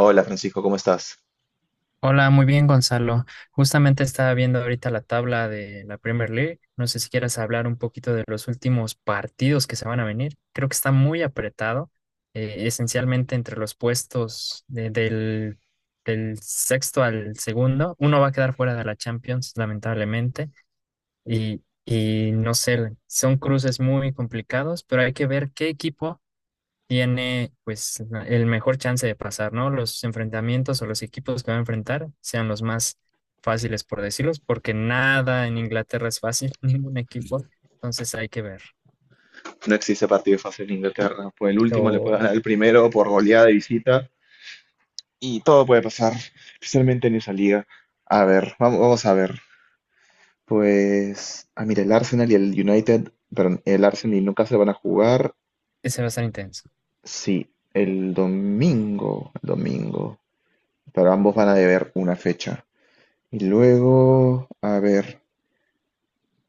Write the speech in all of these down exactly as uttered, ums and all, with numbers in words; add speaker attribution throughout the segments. Speaker 1: Hola Francisco, ¿cómo estás?
Speaker 2: Hola, muy bien, Gonzalo. Justamente estaba viendo ahorita la tabla de la Premier League. No sé si quieras hablar un poquito de los últimos partidos que se van a venir. Creo que está muy apretado, eh, esencialmente entre los puestos de- del, del sexto al segundo. Uno va a quedar fuera de la Champions, lamentablemente, y, y no sé, son cruces muy complicados, pero hay que ver qué equipo tiene pues el mejor chance de pasar, ¿no? Los enfrentamientos o los equipos que va a enfrentar sean los más fáciles, por decirlos, porque nada en Inglaterra es fácil, ningún equipo, entonces hay que ver.
Speaker 1: No existe partido fácil en Inglaterra. Pues el último le puede
Speaker 2: Lo...
Speaker 1: ganar el primero por goleada de visita y todo puede pasar, especialmente en esa liga. A ver, vamos, vamos a ver. Pues, ah, mira, el Arsenal y el United, perdón, el Arsenal y el Newcastle van a jugar,
Speaker 2: Ese va a estar intenso.
Speaker 1: sí, el domingo, el domingo, pero ambos van a deber una fecha. Y luego, a ver,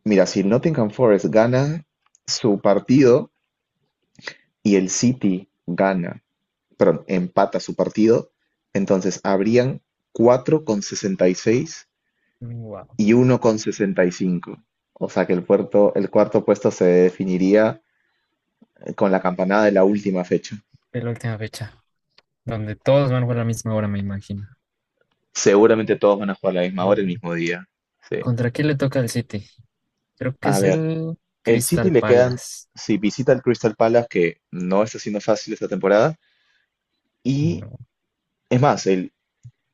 Speaker 1: mira, si el Nottingham Forest gana su partido y el City gana perdón, empata su partido, entonces habrían cuatro con sesenta y seis y
Speaker 2: Wow,
Speaker 1: y uno con sesenta y cinco. O sea que el puerto, el cuarto puesto se definiría con la campanada de la última fecha.
Speaker 2: es la última fecha, donde todos van a jugar a la misma hora, me imagino.
Speaker 1: Seguramente todos van a jugar a la misma hora el
Speaker 2: Bueno,
Speaker 1: mismo día. Sí.
Speaker 2: ¿contra quién le toca al City? Creo que
Speaker 1: A
Speaker 2: es
Speaker 1: ver,
Speaker 2: el
Speaker 1: el City
Speaker 2: Crystal
Speaker 1: le quedan,
Speaker 2: Palace.
Speaker 1: si visita el Crystal Palace, que no está siendo fácil esta temporada, y
Speaker 2: No.
Speaker 1: es más, el,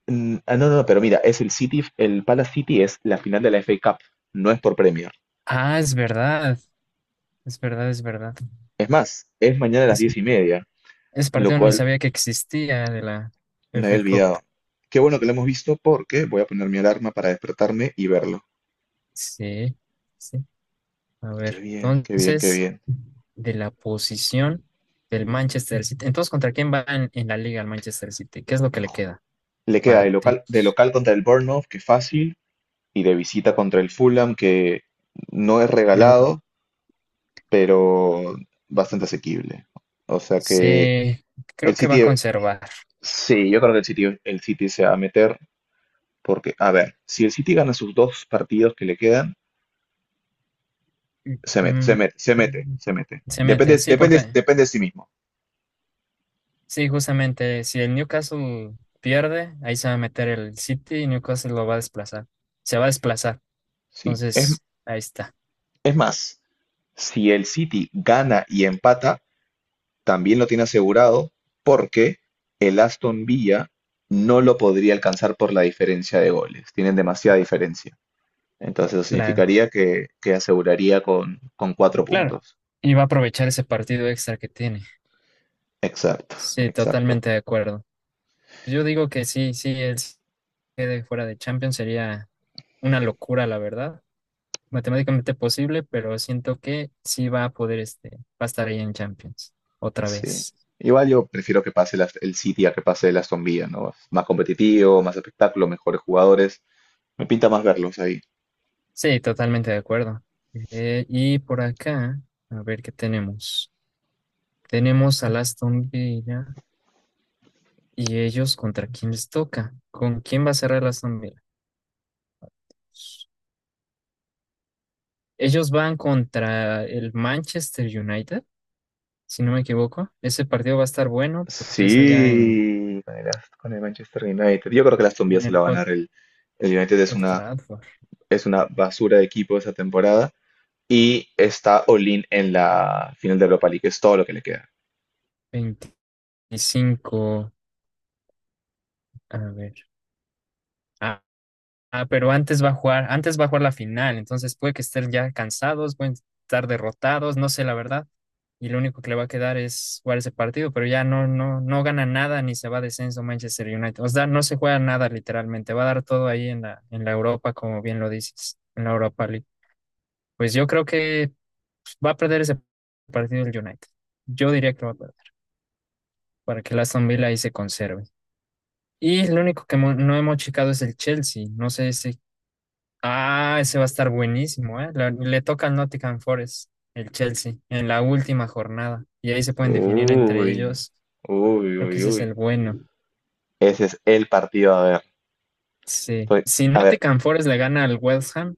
Speaker 1: mm, ah, no, no, no, pero mira, es el City, el Palace City es la final de la F A Cup, no es por premio.
Speaker 2: Ah, es verdad, es verdad, es verdad.
Speaker 1: Es más, es mañana a las
Speaker 2: Es
Speaker 1: diez y media,
Speaker 2: ese
Speaker 1: lo
Speaker 2: partido ni
Speaker 1: cual
Speaker 2: sabía que existía de la
Speaker 1: me
Speaker 2: F
Speaker 1: había
Speaker 2: A Cup.
Speaker 1: olvidado. Qué bueno que lo hemos visto porque voy a poner mi alarma para despertarme y verlo.
Speaker 2: Sí, sí. A ver,
Speaker 1: Qué bien, qué bien, qué
Speaker 2: entonces,
Speaker 1: bien.
Speaker 2: de la posición del Manchester City. Entonces, ¿contra quién va en, en la liga el Manchester City? ¿Qué es lo que le queda?
Speaker 1: Le queda de local, de
Speaker 2: Partidos.
Speaker 1: local contra el Bournemouth, que fácil, y de visita contra el Fulham, que no es
Speaker 2: Ah, bueno.
Speaker 1: regalado, pero bastante asequible. O sea que
Speaker 2: Sí, creo
Speaker 1: el
Speaker 2: que va a
Speaker 1: City,
Speaker 2: conservar.
Speaker 1: sí, yo creo que el City, el City se va a meter porque, a ver, si el City gana sus dos partidos que le quedan, se mete, se
Speaker 2: Mm,
Speaker 1: mete, se mete, se mete.
Speaker 2: se mete,
Speaker 1: Depende,
Speaker 2: sí,
Speaker 1: depende,
Speaker 2: porque,
Speaker 1: depende de sí mismo.
Speaker 2: sí, justamente, si el Newcastle pierde, ahí se va a meter el City y Newcastle lo va a desplazar. Se va a desplazar.
Speaker 1: Sí. Es,
Speaker 2: Entonces, ahí está.
Speaker 1: es más, si el City gana y empata, también lo tiene asegurado porque el Aston Villa no lo podría alcanzar por la diferencia de goles. Tienen demasiada diferencia. Entonces eso
Speaker 2: Claro,
Speaker 1: significaría que, que aseguraría con, con cuatro
Speaker 2: claro.
Speaker 1: puntos.
Speaker 2: Y va a aprovechar ese partido extra que tiene.
Speaker 1: Exacto,
Speaker 2: Sí,
Speaker 1: exacto.
Speaker 2: totalmente de acuerdo. Yo digo que sí, sí, él se quede fuera de Champions sería una locura, la verdad. Matemáticamente posible, pero siento que sí va a poder, este, va a estar ahí en Champions otra
Speaker 1: Sí.
Speaker 2: vez.
Speaker 1: Igual yo prefiero que pase el Ast- el City a que pase el Aston Villa, ¿no? Es más competitivo, más espectáculo, mejores jugadores. Me pinta más verlos ahí.
Speaker 2: Sí, totalmente de acuerdo. Eh, y por acá, a ver qué tenemos. Tenemos al Aston Villa y ellos contra quién les toca. ¿Con quién va a cerrar el Aston Villa? Ellos van contra el Manchester United, si no me equivoco. Ese partido va a estar bueno porque es allá en,
Speaker 1: Sí, con el, Ast- con el Manchester United. Yo creo que el Aston Villa
Speaker 2: en
Speaker 1: se
Speaker 2: el
Speaker 1: la va a
Speaker 2: Hol-
Speaker 1: ganar. El, el United es
Speaker 2: Old
Speaker 1: una,
Speaker 2: Trafford.
Speaker 1: es una basura de equipo esa temporada. Y está Olin en la final de Europa League, es todo lo que le queda.
Speaker 2: veinticinco. A ver. Ah, ah, pero antes va a jugar, antes va a jugar la final, entonces puede que estén ya cansados, pueden estar derrotados, no sé la verdad. Y lo único que le va a quedar es jugar ese partido, pero ya no, no, no gana nada ni se va a descenso Manchester United. O sea, no se juega nada literalmente, va a dar todo ahí en la, en la Europa, como bien lo dices, en la Europa. Pues yo creo que va a perder ese partido el United. Yo diría que lo va a perder para que el Aston Villa ahí se conserve. Y lo único que mo- no hemos checado es el Chelsea. No sé si. Ah, ese va a estar buenísimo, ¿eh? La- Le, toca al Nottingham Forest, el Chelsea, en la última jornada. Y ahí se pueden definir entre
Speaker 1: Uy,
Speaker 2: ellos.
Speaker 1: uy,
Speaker 2: Creo que
Speaker 1: uy,
Speaker 2: ese es el
Speaker 1: uy.
Speaker 2: bueno.
Speaker 1: Ese es el partido a ver.
Speaker 2: Sí.
Speaker 1: Estoy-
Speaker 2: Si
Speaker 1: a ver,
Speaker 2: Nottingham Forest le gana al West Ham,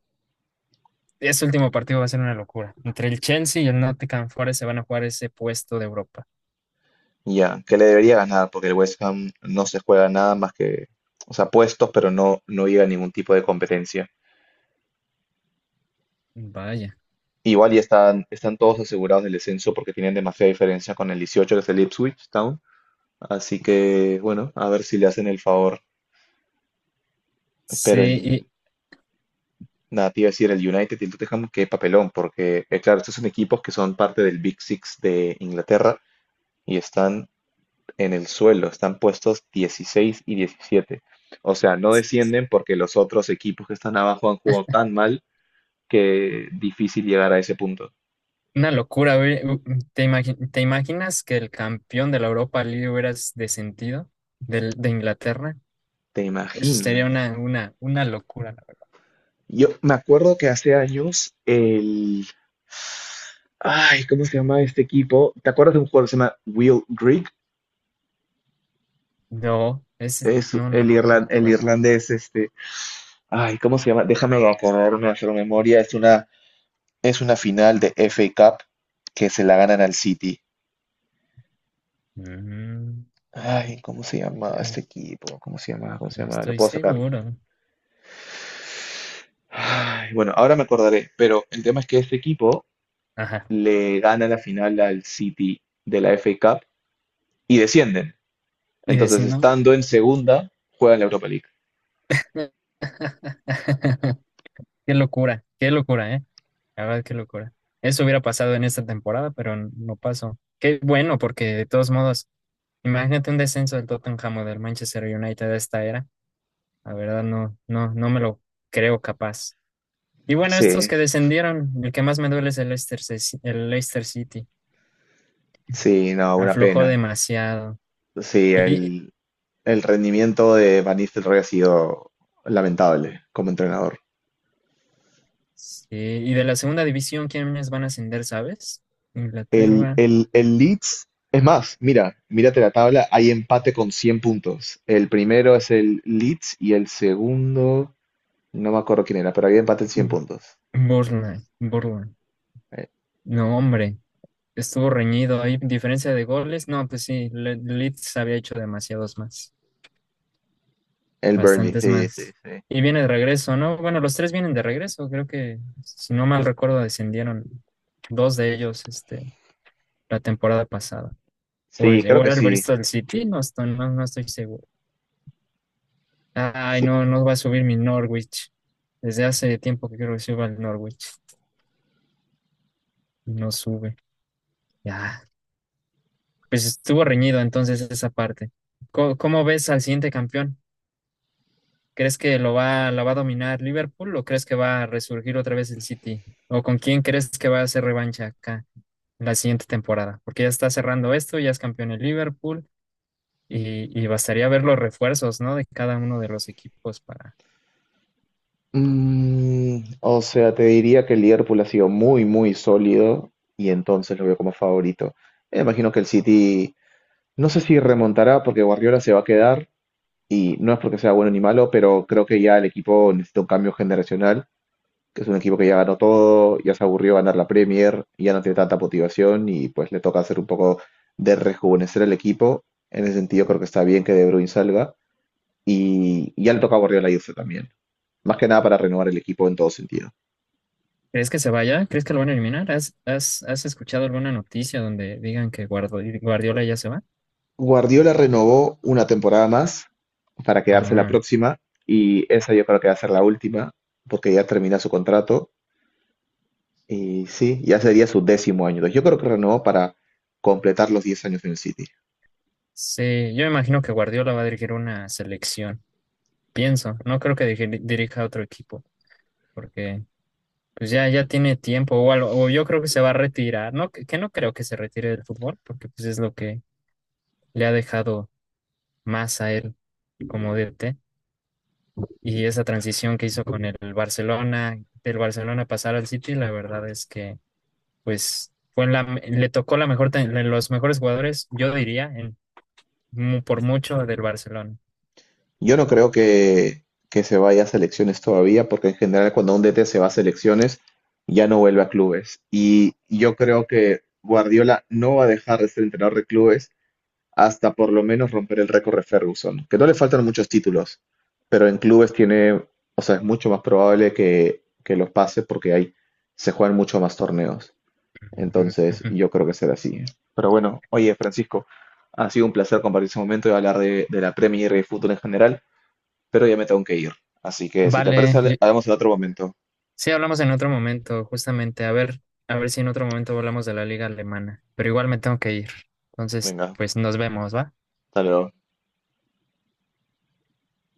Speaker 2: ese último partido va a ser una locura. Entre el Chelsea y el Nottingham Forest se van a jugar ese puesto de Europa.
Speaker 1: ya, que le debería ganar, porque el West Ham no se juega nada más que, o sea, puestos, pero no, no llega a ningún tipo de competencia.
Speaker 2: Vaya.
Speaker 1: Igual ya están, están todos asegurados del descenso porque tienen demasiada diferencia con el dieciocho, que es el Ipswich Town. Así que, bueno, a ver si le hacen el favor. Pero
Speaker 2: Sí,
Speaker 1: el, nada, te iba a decir, el United y el Tottenham, qué papelón, porque, eh, claro, estos son equipos que son parte del Big Six de Inglaterra y están en el suelo, están puestos dieciséis y diecisiete. O sea, no descienden porque los otros equipos que están abajo han jugado tan mal que difícil llegar a ese punto.
Speaker 2: una locura, güey. ¿Te imagi- te imaginas que el campeón de la Europa League hubiera descendido del- de Inglaterra?
Speaker 1: ¿Te
Speaker 2: Eso sería
Speaker 1: imaginas?
Speaker 2: una, una, una locura, la verdad.
Speaker 1: Yo me acuerdo que hace años el... Ay, ¿cómo se llama este equipo? ¿Te acuerdas de un jugador que se llama Will Grigg?
Speaker 2: No, es,
Speaker 1: Es
Speaker 2: no, no,
Speaker 1: el,
Speaker 2: no, no
Speaker 1: irlan-
Speaker 2: me
Speaker 1: el
Speaker 2: acuerdo.
Speaker 1: irlandés, este... Ay, ¿cómo se llama? Déjame acordarme, hacer memoria. Es una, es una final de F A Cup que se la ganan al City.
Speaker 2: Mm,
Speaker 1: Ay, ¿cómo se llama
Speaker 2: ah,
Speaker 1: este equipo? ¿Cómo se llama? ¿Cómo se
Speaker 2: no
Speaker 1: llama? Lo
Speaker 2: estoy
Speaker 1: puedo sacar.
Speaker 2: seguro.
Speaker 1: Ay, bueno, ahora me acordaré, pero el tema es que este equipo
Speaker 2: Ajá.
Speaker 1: le gana la final al City de la F A Cup y descienden.
Speaker 2: Y
Speaker 1: Entonces,
Speaker 2: decir, no.
Speaker 1: estando en segunda, juega en la Europa League.
Speaker 2: Qué locura, qué locura, ¿eh? La verdad, qué locura. Eso hubiera pasado en esta temporada, pero no pasó. Qué bueno, porque de todos modos, imagínate un descenso del Tottenham o del Manchester United de esta era. La verdad no, no, no me lo creo capaz. Y bueno, estos
Speaker 1: Sí,
Speaker 2: que descendieron, el que más me duele es el Leicester, Ce- el Leicester City.
Speaker 1: sí, no, una
Speaker 2: Aflojó
Speaker 1: pena.
Speaker 2: demasiado.
Speaker 1: Sí,
Speaker 2: Y,
Speaker 1: el, el rendimiento de Van Nistelrooy ha sido lamentable como entrenador.
Speaker 2: sí, y de la segunda división, ¿quiénes van a ascender, sabes?
Speaker 1: El,
Speaker 2: Inglaterra,
Speaker 1: el, el Leeds, es más, mira, mírate la tabla, hay empate con cien puntos. El primero es el Leeds y el segundo, no me acuerdo quién era, pero había empate en cien
Speaker 2: mm.
Speaker 1: puntos.
Speaker 2: Burnley Bournemouth.
Speaker 1: Eh,
Speaker 2: No, hombre, estuvo reñido. Hay diferencia de goles. No, pues sí, Le- Leeds había hecho demasiados más.
Speaker 1: El Burnley,
Speaker 2: Bastantes
Speaker 1: sí, sí,
Speaker 2: más.
Speaker 1: sí.
Speaker 2: Y viene de regreso, ¿no? Bueno, los tres vienen de regreso, creo que, si no mal recuerdo, descendieron dos de ellos este, la temporada pasada. O,
Speaker 1: Sí,
Speaker 2: es- o
Speaker 1: creo que
Speaker 2: era el
Speaker 1: sí.
Speaker 2: Bristol City, no estoy, no, no estoy seguro. Ay,
Speaker 1: Sí,
Speaker 2: no, no va a subir mi Norwich. Desde hace tiempo que quiero que suba el Norwich y no sube. Ya, pues estuvo reñido entonces esa parte. ¿Cómo, cómo ves al siguiente campeón? ¿Crees que lo va, la va a dominar Liverpool o crees que va a resurgir otra vez el City? ¿O con quién crees que va a hacer revancha acá la siguiente temporada? Porque ya está cerrando esto, ya es campeón el Liverpool y, y bastaría ver los refuerzos, ¿no? De cada uno de los equipos para...
Speaker 1: Mm, o sea, te diría que el Liverpool ha sido muy, muy sólido y entonces lo veo como favorito. Me imagino que el City, no sé si remontará porque Guardiola se va a quedar y no es porque sea bueno ni malo, pero creo que ya el equipo necesita un cambio generacional, que es un equipo que ya ganó todo, ya se aburrió ganar la Premier, ya no tiene tanta motivación y pues le toca hacer un poco de rejuvenecer el equipo. En ese sentido creo que está bien que De Bruyne salga y ya le toca a Guardiola irse también. Más que nada para renovar el equipo en todo sentido.
Speaker 2: ¿Crees que se vaya? ¿Crees que lo van a eliminar? ¿Has, has, has escuchado alguna noticia donde digan que Guardo- Guardiola ya se va?
Speaker 1: Guardiola renovó una temporada más para quedarse la
Speaker 2: Ah,
Speaker 1: próxima y esa yo creo que va a ser la última porque ya termina su contrato y sí, ya sería su décimo año. Entonces, yo creo que renovó para completar los diez años en el City.
Speaker 2: sí, yo imagino que Guardiola va a dirigir una selección, pienso. No creo que dirija dirija a otro equipo porque pues ya, ya tiene tiempo o algo, o yo creo que se va a retirar, ¿no? Que, que no creo que se retire del fútbol, porque pues es lo que le ha dejado más a él como D T. Y esa transición que hizo con el Barcelona, del Barcelona pasar al City, la verdad es que pues fue la, me- le tocó la mejor, tan- de los mejores jugadores, yo diría, en, mu- por mucho del Barcelona.
Speaker 1: Yo no creo que, que se vaya a selecciones todavía porque en general cuando un D T se va a selecciones ya no vuelve a clubes y yo creo que Guardiola no va a dejar de ser entrenador de clubes hasta por lo menos romper el récord de Ferguson, que no le faltan muchos títulos, pero en clubes tiene, o sea, es mucho más probable que, que los pase porque hay, se juegan mucho más torneos.
Speaker 2: Ujú,
Speaker 1: Entonces,
Speaker 2: ujú.
Speaker 1: yo creo que será así. ¿Eh? Pero bueno, oye, Francisco, ha sido un placer compartir ese momento y hablar de, de la Premier y de fútbol en general, pero ya me tengo que ir. Así que si te parece,
Speaker 2: Vale,
Speaker 1: hable- hablamos en otro momento.
Speaker 2: sí, hablamos en otro momento, justamente. A ver, a ver si en otro momento hablamos de la liga alemana. Pero igual me tengo que ir. Entonces,
Speaker 1: Venga,
Speaker 2: pues nos vemos, ¿va?
Speaker 1: hasta luego.